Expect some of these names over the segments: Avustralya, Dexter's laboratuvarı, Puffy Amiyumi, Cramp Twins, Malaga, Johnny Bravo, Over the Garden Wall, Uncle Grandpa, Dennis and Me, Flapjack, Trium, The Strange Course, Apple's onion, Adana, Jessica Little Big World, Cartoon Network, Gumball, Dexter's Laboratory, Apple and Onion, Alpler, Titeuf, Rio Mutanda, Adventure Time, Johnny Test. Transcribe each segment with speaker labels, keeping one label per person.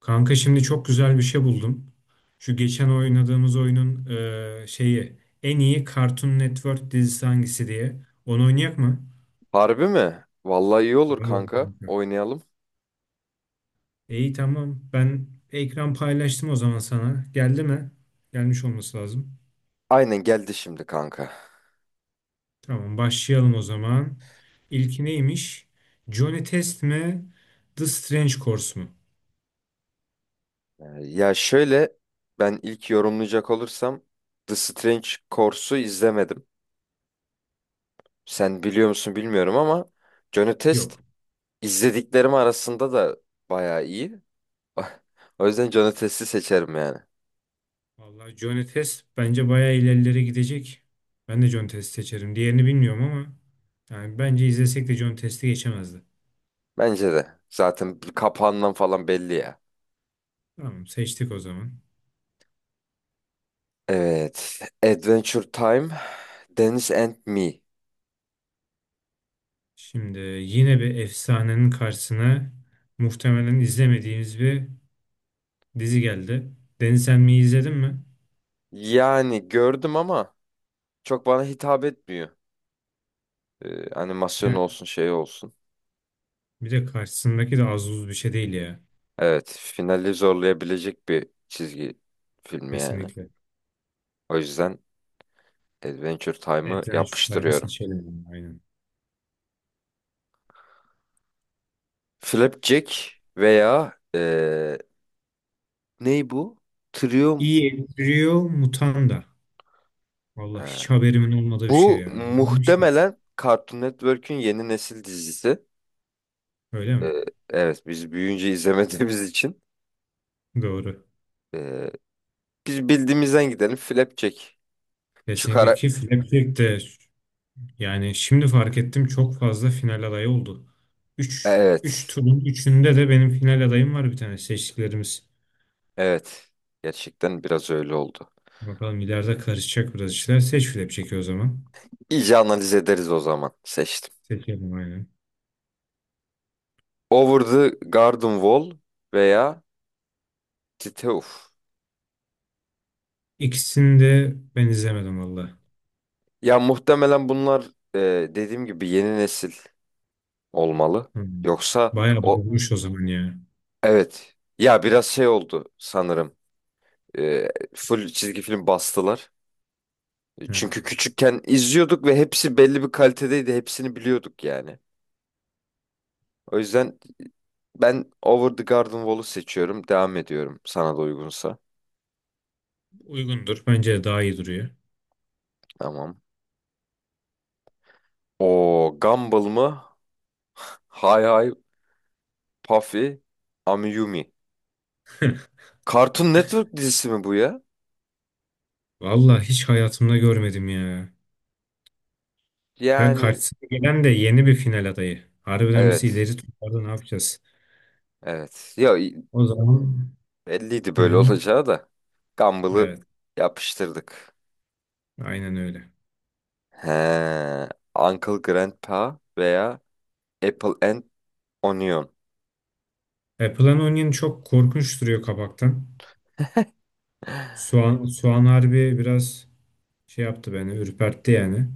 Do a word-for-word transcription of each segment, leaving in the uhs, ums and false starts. Speaker 1: Kanka şimdi çok güzel bir şey buldum. Şu geçen oynadığımız oyunun e, şeyi en iyi Cartoon Network dizisi hangisi diye. Onu oynayak mı?
Speaker 2: Harbi mi? Vallahi iyi olur
Speaker 1: Vallahi
Speaker 2: kanka.
Speaker 1: kanka.
Speaker 2: Oynayalım.
Speaker 1: İyi tamam. Ben ekran paylaştım o zaman sana. Geldi mi? Gelmiş olması lazım.
Speaker 2: Aynen geldi şimdi kanka.
Speaker 1: Tamam başlayalım o zaman. İlki neymiş? Johnny Test mi? The Strange Course mu?
Speaker 2: Ee, ya şöyle ben ilk yorumlayacak olursam The Strange Course'u izlemedim. Sen biliyor musun bilmiyorum ama Johnny Test
Speaker 1: Yok.
Speaker 2: izlediklerim arasında da bayağı iyi. O yüzden Johnny Test'i seçerim yani.
Speaker 1: Vallahi Johnny Test bence bayağı ilerilere gidecek. Ben de Johnny Test seçerim. Diğerini bilmiyorum ama yani bence izlesek de Johnny Test'i geçemezdi.
Speaker 2: Bence de. Zaten kapağından falan belli ya.
Speaker 1: Tamam seçtik o zaman.
Speaker 2: Evet. Adventure Time, Dennis and Me.
Speaker 1: Şimdi yine bir efsanenin karşısına muhtemelen izlemediğimiz bir dizi geldi. Deniz sen mi izledin mi?
Speaker 2: Yani gördüm ama çok bana hitap etmiyor. Ee, animasyon
Speaker 1: Yani
Speaker 2: olsun şey olsun.
Speaker 1: bir de karşısındaki de az buz bir şey değil ya.
Speaker 2: Evet, finali zorlayabilecek bir çizgi filmi yani.
Speaker 1: Kesinlikle.
Speaker 2: O yüzden Adventure Time'ı
Speaker 1: Adventure Time'ı
Speaker 2: yapıştırıyorum.
Speaker 1: seçelim. Aynen.
Speaker 2: Flapjack veya ee, ney bu? Trium.
Speaker 1: Rio Mutanda. Vallahi
Speaker 2: Ha.
Speaker 1: hiç haberimin olmadığı bir şey
Speaker 2: Bu
Speaker 1: ya. Bu neymiş ki?
Speaker 2: muhtemelen Cartoon Network'ün yeni nesil dizisi.
Speaker 1: Öyle mi?
Speaker 2: Ee, evet, biz büyüyünce izlemediğimiz için
Speaker 1: Doğru.
Speaker 2: ee, biz bildiğimizden gidelim. Flapjack. Şu
Speaker 1: Kesinlikle
Speaker 2: kara...
Speaker 1: ki Flapjack de yani şimdi fark ettim çok fazla final adayı oldu. Üç üç
Speaker 2: Evet.
Speaker 1: turun üçünde de benim final adayım var bir tane seçtiklerimiz.
Speaker 2: Evet. Gerçekten biraz öyle oldu.
Speaker 1: Bakalım ileride karışacak biraz işler. Seç Flapjack'i o zaman.
Speaker 2: İyice analiz ederiz o zaman. Seçtim.
Speaker 1: Seçelim aynen.
Speaker 2: Over the Garden Wall veya Titeuf.
Speaker 1: İkisini de ben izlemedim valla.
Speaker 2: Ya muhtemelen bunlar e, dediğim gibi yeni nesil olmalı.
Speaker 1: Hmm.
Speaker 2: Yoksa
Speaker 1: Bayağı
Speaker 2: o
Speaker 1: bozmuş o zaman ya.
Speaker 2: evet. Ya biraz şey oldu sanırım. E, full çizgi film bastılar.
Speaker 1: He.
Speaker 2: Çünkü küçükken izliyorduk ve hepsi belli bir kalitedeydi. Hepsini biliyorduk yani. O yüzden ben Over the Garden Wall'u seçiyorum. Devam ediyorum sana da uygunsa.
Speaker 1: Uygundur. Bence de daha iyi duruyor.
Speaker 2: Tamam. O Gumball mı? Hay hay Puffy, Amiyumi. Cartoon Network dizisi mi bu ya?
Speaker 1: Valla hiç hayatımda görmedim ya. Ve
Speaker 2: Yani
Speaker 1: karşısına gelen de yeni bir final adayı. Harbiden bizi
Speaker 2: evet.
Speaker 1: ileri tutardı ne yapacağız?
Speaker 2: Evet. Ya i-
Speaker 1: O zaman
Speaker 2: belliydi
Speaker 1: hı
Speaker 2: böyle
Speaker 1: hı.
Speaker 2: olacağı da. Gumball'ı
Speaker 1: Evet,
Speaker 2: yapıştırdık.
Speaker 1: aynen öyle.
Speaker 2: He. Uncle Grandpa veya Apple and Onion.
Speaker 1: Apple'ın onion çok korkunç duruyor kapaktan. Soğan, soğan harbi biraz şey yaptı beni, ürpertti yani.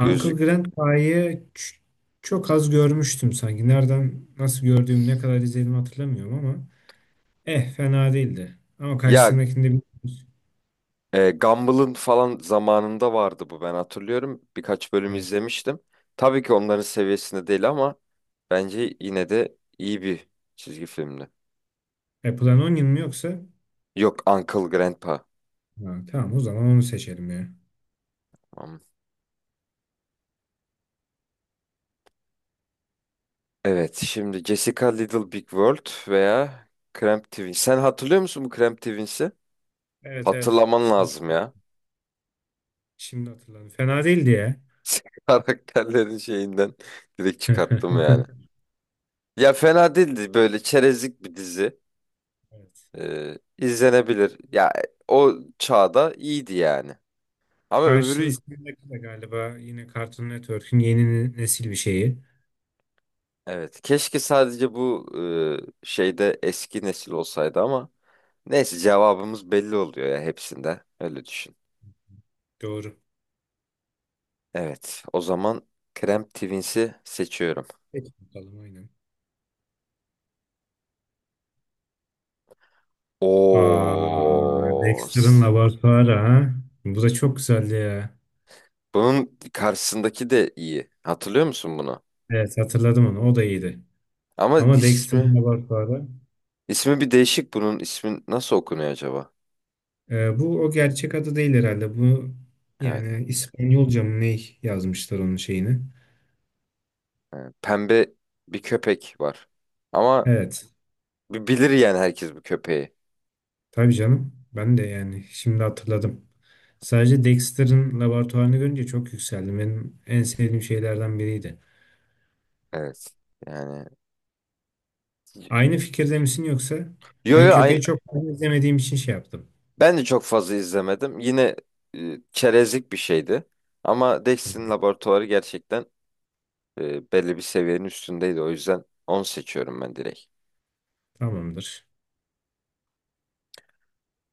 Speaker 1: Uncle Grand Pie'yi ç- çok az görmüştüm sanki. Nereden, nasıl gördüğüm, ne kadar izledim hatırlamıyorum ama eh fena değildi. Ama
Speaker 2: Ya
Speaker 1: karşısındakinde bir...
Speaker 2: e, Gumball'ın falan zamanında vardı bu ben hatırlıyorum. Birkaç bölüm
Speaker 1: Evet.
Speaker 2: izlemiştim. Tabii ki onların seviyesinde değil ama bence yine de iyi bir çizgi filmdi.
Speaker 1: Apple'ın onion mu yoksa?
Speaker 2: Yok Uncle Grandpa.
Speaker 1: Ha, tamam o zaman onu seçelim ya.
Speaker 2: Evet, şimdi Jessica Little Big World veya Cramp Twins. Sen hatırlıyor musun bu Cramp Twins'i?
Speaker 1: Evet evet.
Speaker 2: Hatırlaman
Speaker 1: Şimdi,
Speaker 2: lazım ya.
Speaker 1: şimdi hatırladım. Fena değildi ya.
Speaker 2: Karakterlerin şeyinden direkt çıkarttım yani. Ya fena değildi böyle çerezlik bir dizi.
Speaker 1: Evet.
Speaker 2: Ee, izlenebilir. Ya o çağda iyiydi yani. Ama öbürü
Speaker 1: Karşısında galiba yine Cartoon Network'ün yeni nesil bir şeyi.
Speaker 2: evet keşke sadece bu e, şeyde eski nesil olsaydı ama neyse cevabımız belli oluyor ya hepsinde. Öyle düşün.
Speaker 1: Doğru.
Speaker 2: Evet. O zaman Cramp Twins'i seçiyorum.
Speaker 1: Peki. Bakalım aynen. Aa,
Speaker 2: Oo.
Speaker 1: Dexter'ın
Speaker 2: S-
Speaker 1: laboratuvarı ha. Bu da çok güzeldi ya.
Speaker 2: Bunun karşısındaki de iyi. Hatırlıyor musun bunu?
Speaker 1: Evet hatırladım onu. O da iyiydi.
Speaker 2: Ama
Speaker 1: Ama Dexter'ın
Speaker 2: ismi
Speaker 1: laboratuvarı.
Speaker 2: ismi bir değişik bunun. İsmi nasıl okunuyor acaba?
Speaker 1: E, bu o gerçek adı değil herhalde. Bu
Speaker 2: Evet.
Speaker 1: yani İspanyolca mı ne yazmışlar onun şeyini.
Speaker 2: e, Pembe bir köpek var. Ama
Speaker 1: Evet.
Speaker 2: bi- bilir yani herkes bu köpeği.
Speaker 1: Tabii canım. Ben de yani şimdi hatırladım. Sadece Dexter'ın laboratuvarını görünce çok yükseldim. Benim en sevdiğim şeylerden biriydi.
Speaker 2: Evet. Yani
Speaker 1: Aynı fikirde misin yoksa?
Speaker 2: yo
Speaker 1: Ben
Speaker 2: yo aynı,
Speaker 1: köpeği çok fazla izlemediğim için şey yaptım.
Speaker 2: ben de çok fazla izlemedim. Yine e, çerezlik bir şeydi. Ama Dex'in laboratuvarı gerçekten E, belli bir seviyenin üstündeydi. O yüzden on seçiyorum ben direkt.
Speaker 1: Tamamdır.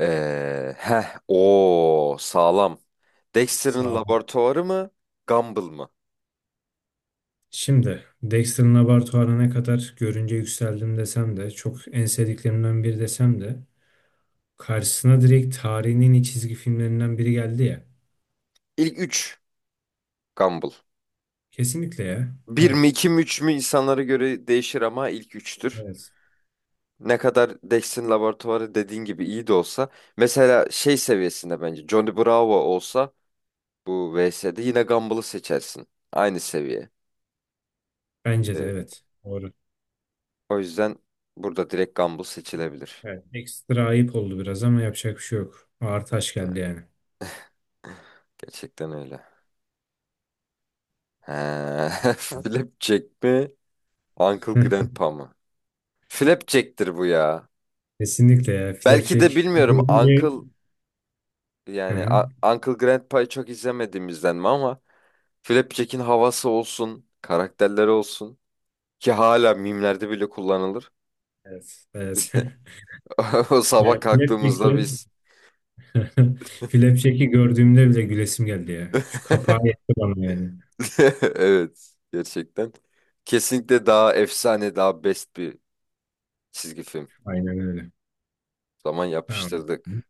Speaker 2: Ee, heh, o sağlam. Dexter'ın
Speaker 1: Sağ ol.
Speaker 2: laboratuvarı mı? Gumball mı?
Speaker 1: Şimdi Dexter'ın laboratuvarına ne kadar görünce yükseldim desem de çok en sevdiklerimden biri desem de karşısına direkt tarihinin en iyi çizgi filmlerinden biri geldi ya.
Speaker 2: İlk üç. Gumball.
Speaker 1: Kesinlikle ya.
Speaker 2: Bir mi
Speaker 1: Evet.
Speaker 2: iki mi üç mü insanlara göre değişir ama ilk üçtür.
Speaker 1: Evet.
Speaker 2: Ne kadar Dexter'ın laboratuvarı dediğin gibi iyi de olsa. Mesela şey seviyesinde bence Johnny Bravo olsa bu V S'de yine Gumball'ı seçersin. Aynı seviye.
Speaker 1: Bence de
Speaker 2: Ee,
Speaker 1: evet. Doğru.
Speaker 2: o yüzden burada direkt Gumball seçilebilir.
Speaker 1: Evet. Ekstra ayıp oldu biraz ama yapacak bir şey yok. Ağır taş geldi
Speaker 2: Ha,
Speaker 1: yani.
Speaker 2: gerçekten öyle. He, Flapjack mi? Uncle Grandpa mı? Flapjack'tir bu ya.
Speaker 1: Kesinlikle ya.
Speaker 2: Belki de
Speaker 1: Flapjack.
Speaker 2: bilmiyorum
Speaker 1: Görünce.
Speaker 2: Uncle
Speaker 1: Hı
Speaker 2: yani
Speaker 1: hı.
Speaker 2: A- Uncle Grandpa'yı çok izlemediğimizden mi ama Flapjack'in havası olsun, karakterleri olsun ki hala mimlerde bile kullanılır.
Speaker 1: Evet. Evet.
Speaker 2: O sabah
Speaker 1: Yani
Speaker 2: kalktığımızda
Speaker 1: Flapjack'i
Speaker 2: biz
Speaker 1: Flapjack'i gördüğümde bile gülesim geldi ya. Şu kapağı yetti bana yani.
Speaker 2: evet, gerçekten. Kesinlikle daha efsane, daha best bir çizgi film.
Speaker 1: Aynen öyle.
Speaker 2: Zaman
Speaker 1: Tamam.
Speaker 2: yapıştırdık.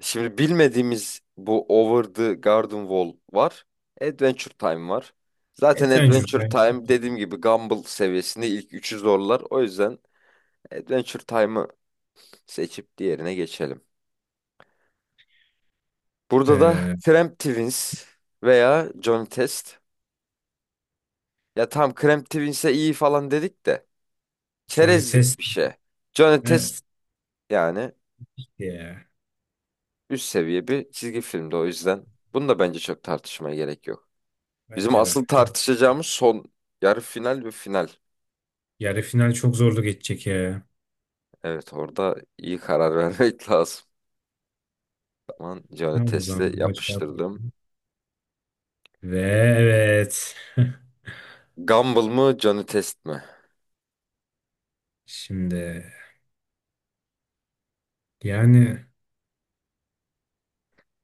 Speaker 2: Şimdi bilmediğimiz bu Over the Garden Wall var. Adventure Time var. Zaten
Speaker 1: Adventure
Speaker 2: Adventure
Speaker 1: Time.
Speaker 2: Time dediğim gibi Gumball seviyesinde ilk üçü zorlar. O yüzden Adventure Time'ı seçip diğerine geçelim. Burada da
Speaker 1: Ee,
Speaker 2: Cramp Twins veya Johnny Test. Ya tam Cramp Twins'e iyi falan dedik de
Speaker 1: Johnny
Speaker 2: çerezlik
Speaker 1: Test.
Speaker 2: bir şey. Johnny Test
Speaker 1: Evet.
Speaker 2: yani
Speaker 1: Ya.
Speaker 2: üst seviye bir çizgi filmdi o yüzden. Bunu da bence çok tartışmaya gerek yok. Bizim
Speaker 1: Bence de.
Speaker 2: asıl
Speaker 1: Çok-
Speaker 2: tartışacağımız son yarı final ve final.
Speaker 1: Yarı final çok zorlu geçecek ya.
Speaker 2: Evet orada iyi karar vermek lazım. Tamam Johnny
Speaker 1: Tamam o
Speaker 2: Test'i
Speaker 1: zaman. Bu da şey
Speaker 2: yapıştırdım.
Speaker 1: yapmayalım. Ve evet.
Speaker 2: Gumball mı Johnny Test mi?
Speaker 1: Şimdi yani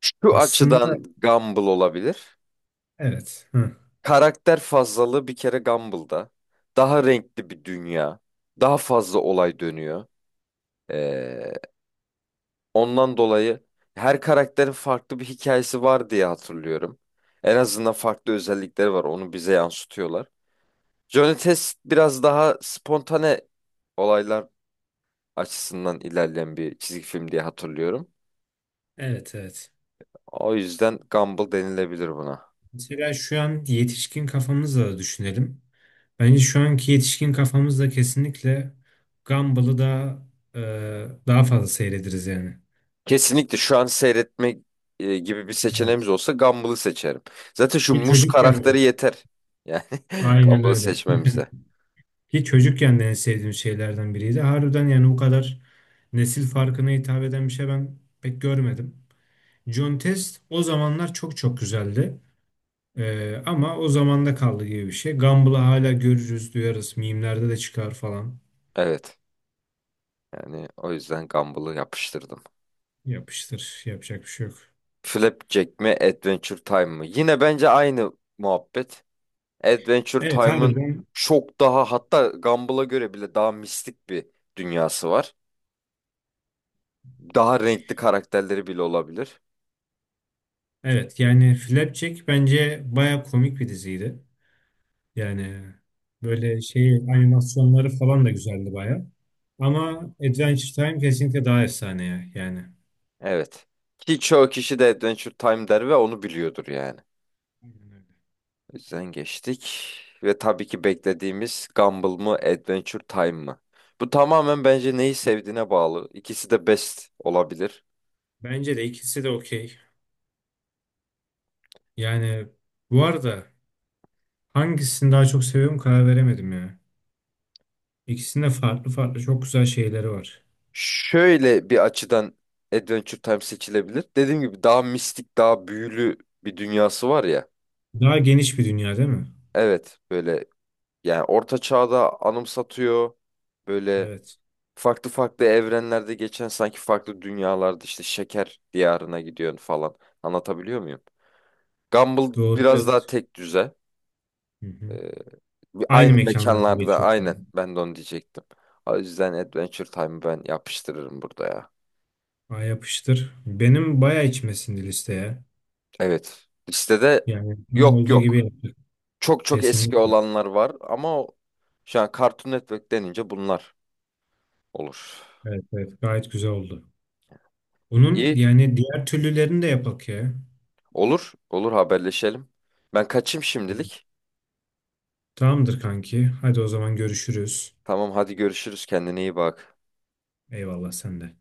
Speaker 2: Şu
Speaker 1: aslında
Speaker 2: açıdan Gumball olabilir.
Speaker 1: evet. Hı.
Speaker 2: Karakter fazlalığı bir kere Gumball'da. Daha renkli bir dünya. Daha fazla olay dönüyor. Ee, ondan dolayı her karakterin farklı bir hikayesi var diye hatırlıyorum. En azından farklı özellikleri var. Onu bize yansıtıyorlar. Johnny Test biraz daha spontane olaylar açısından ilerleyen bir çizgi film diye hatırlıyorum.
Speaker 1: Evet evet.
Speaker 2: O yüzden Gumball denilebilir buna.
Speaker 1: Mesela şu an yetişkin kafamızla da düşünelim. Bence şu anki yetişkin kafamızla kesinlikle Gumball'ı daha e, daha fazla seyrederiz yani.
Speaker 2: Kesinlikle şu an seyretme e, gibi bir seçeneğimiz
Speaker 1: Evet.
Speaker 2: olsa Gumball'ı seçerim. Zaten şu
Speaker 1: Ki
Speaker 2: muz
Speaker 1: çocukken de
Speaker 2: karakteri yeter. Yani
Speaker 1: aynen
Speaker 2: Gumball'ı
Speaker 1: öyle.
Speaker 2: seçmemize.
Speaker 1: Ki çocukken de en sevdiğim şeylerden biriydi. Harbiden yani bu kadar nesil farkına hitap eden bir şey ben pek görmedim. John Test o zamanlar çok çok güzeldi. E, ama o zamanda kaldı gibi bir şey. Gumball'ı hala görürüz, duyarız. Mimlerde de çıkar falan.
Speaker 2: Evet. Yani o yüzden Gumball'ı yapıştırdım.
Speaker 1: Yapıştır. Yapacak bir şey yok.
Speaker 2: Flapjack mi Adventure Time mı? Yine bence aynı muhabbet. Adventure
Speaker 1: Evet
Speaker 2: Time'ın
Speaker 1: harbiden
Speaker 2: çok daha hatta Gumball'a göre bile daha mistik bir dünyası var. Daha renkli karakterleri bile olabilir.
Speaker 1: evet yani Flapjack bence baya komik bir diziydi. Yani böyle şey animasyonları falan da güzeldi baya. Ama Adventure Time kesinlikle daha efsane ya yani.
Speaker 2: Evet. Ki çoğu kişi de Adventure Time der ve onu biliyordur yani.
Speaker 1: Aynen öyle.
Speaker 2: O yüzden geçtik. Ve tabii ki beklediğimiz Gumball mı Adventure Time mı? Bu tamamen bence neyi sevdiğine bağlı. İkisi de best olabilir.
Speaker 1: Bence de ikisi de okey. Yani bu arada hangisini daha çok seviyorum karar veremedim ya. İkisinde farklı farklı çok güzel şeyleri var.
Speaker 2: Şöyle bir açıdan Adventure Time seçilebilir. Dediğim gibi daha mistik, daha büyülü bir dünyası var ya.
Speaker 1: Daha geniş bir dünya değil mi?
Speaker 2: Evet, böyle yani orta çağda anımsatıyor. Böyle
Speaker 1: Evet.
Speaker 2: farklı farklı evrenlerde geçen sanki farklı dünyalarda işte şeker diyarına gidiyorsun falan. Anlatabiliyor muyum? Gumball
Speaker 1: Doğru
Speaker 2: biraz daha
Speaker 1: evet.
Speaker 2: tek düze.
Speaker 1: Hı hı.
Speaker 2: Ee, bir-
Speaker 1: Aynı
Speaker 2: aynı
Speaker 1: mekanlarda
Speaker 2: mekanlarda
Speaker 1: geçiyor.
Speaker 2: aynen ben de onu diyecektim. O yüzden Adventure Time'ı ben yapıştırırım burada ya.
Speaker 1: Ay yapıştır. Benim bayağı içmesin listeye.
Speaker 2: Evet. Listede
Speaker 1: Yani tam
Speaker 2: yok
Speaker 1: olduğu gibi
Speaker 2: yok.
Speaker 1: yaptık.
Speaker 2: Çok çok eski
Speaker 1: Kesinlikle.
Speaker 2: olanlar var ama o- şu an Cartoon Network denince bunlar olur.
Speaker 1: Evet, evet. Gayet güzel oldu. Bunun
Speaker 2: İyi.
Speaker 1: yani diğer türlülerini de yapak ya.
Speaker 2: Olur, olur haberleşelim. Ben kaçayım şimdilik.
Speaker 1: Tamamdır kanki. Hadi o zaman görüşürüz.
Speaker 2: Tamam hadi görüşürüz kendine iyi bak.
Speaker 1: Eyvallah sen de.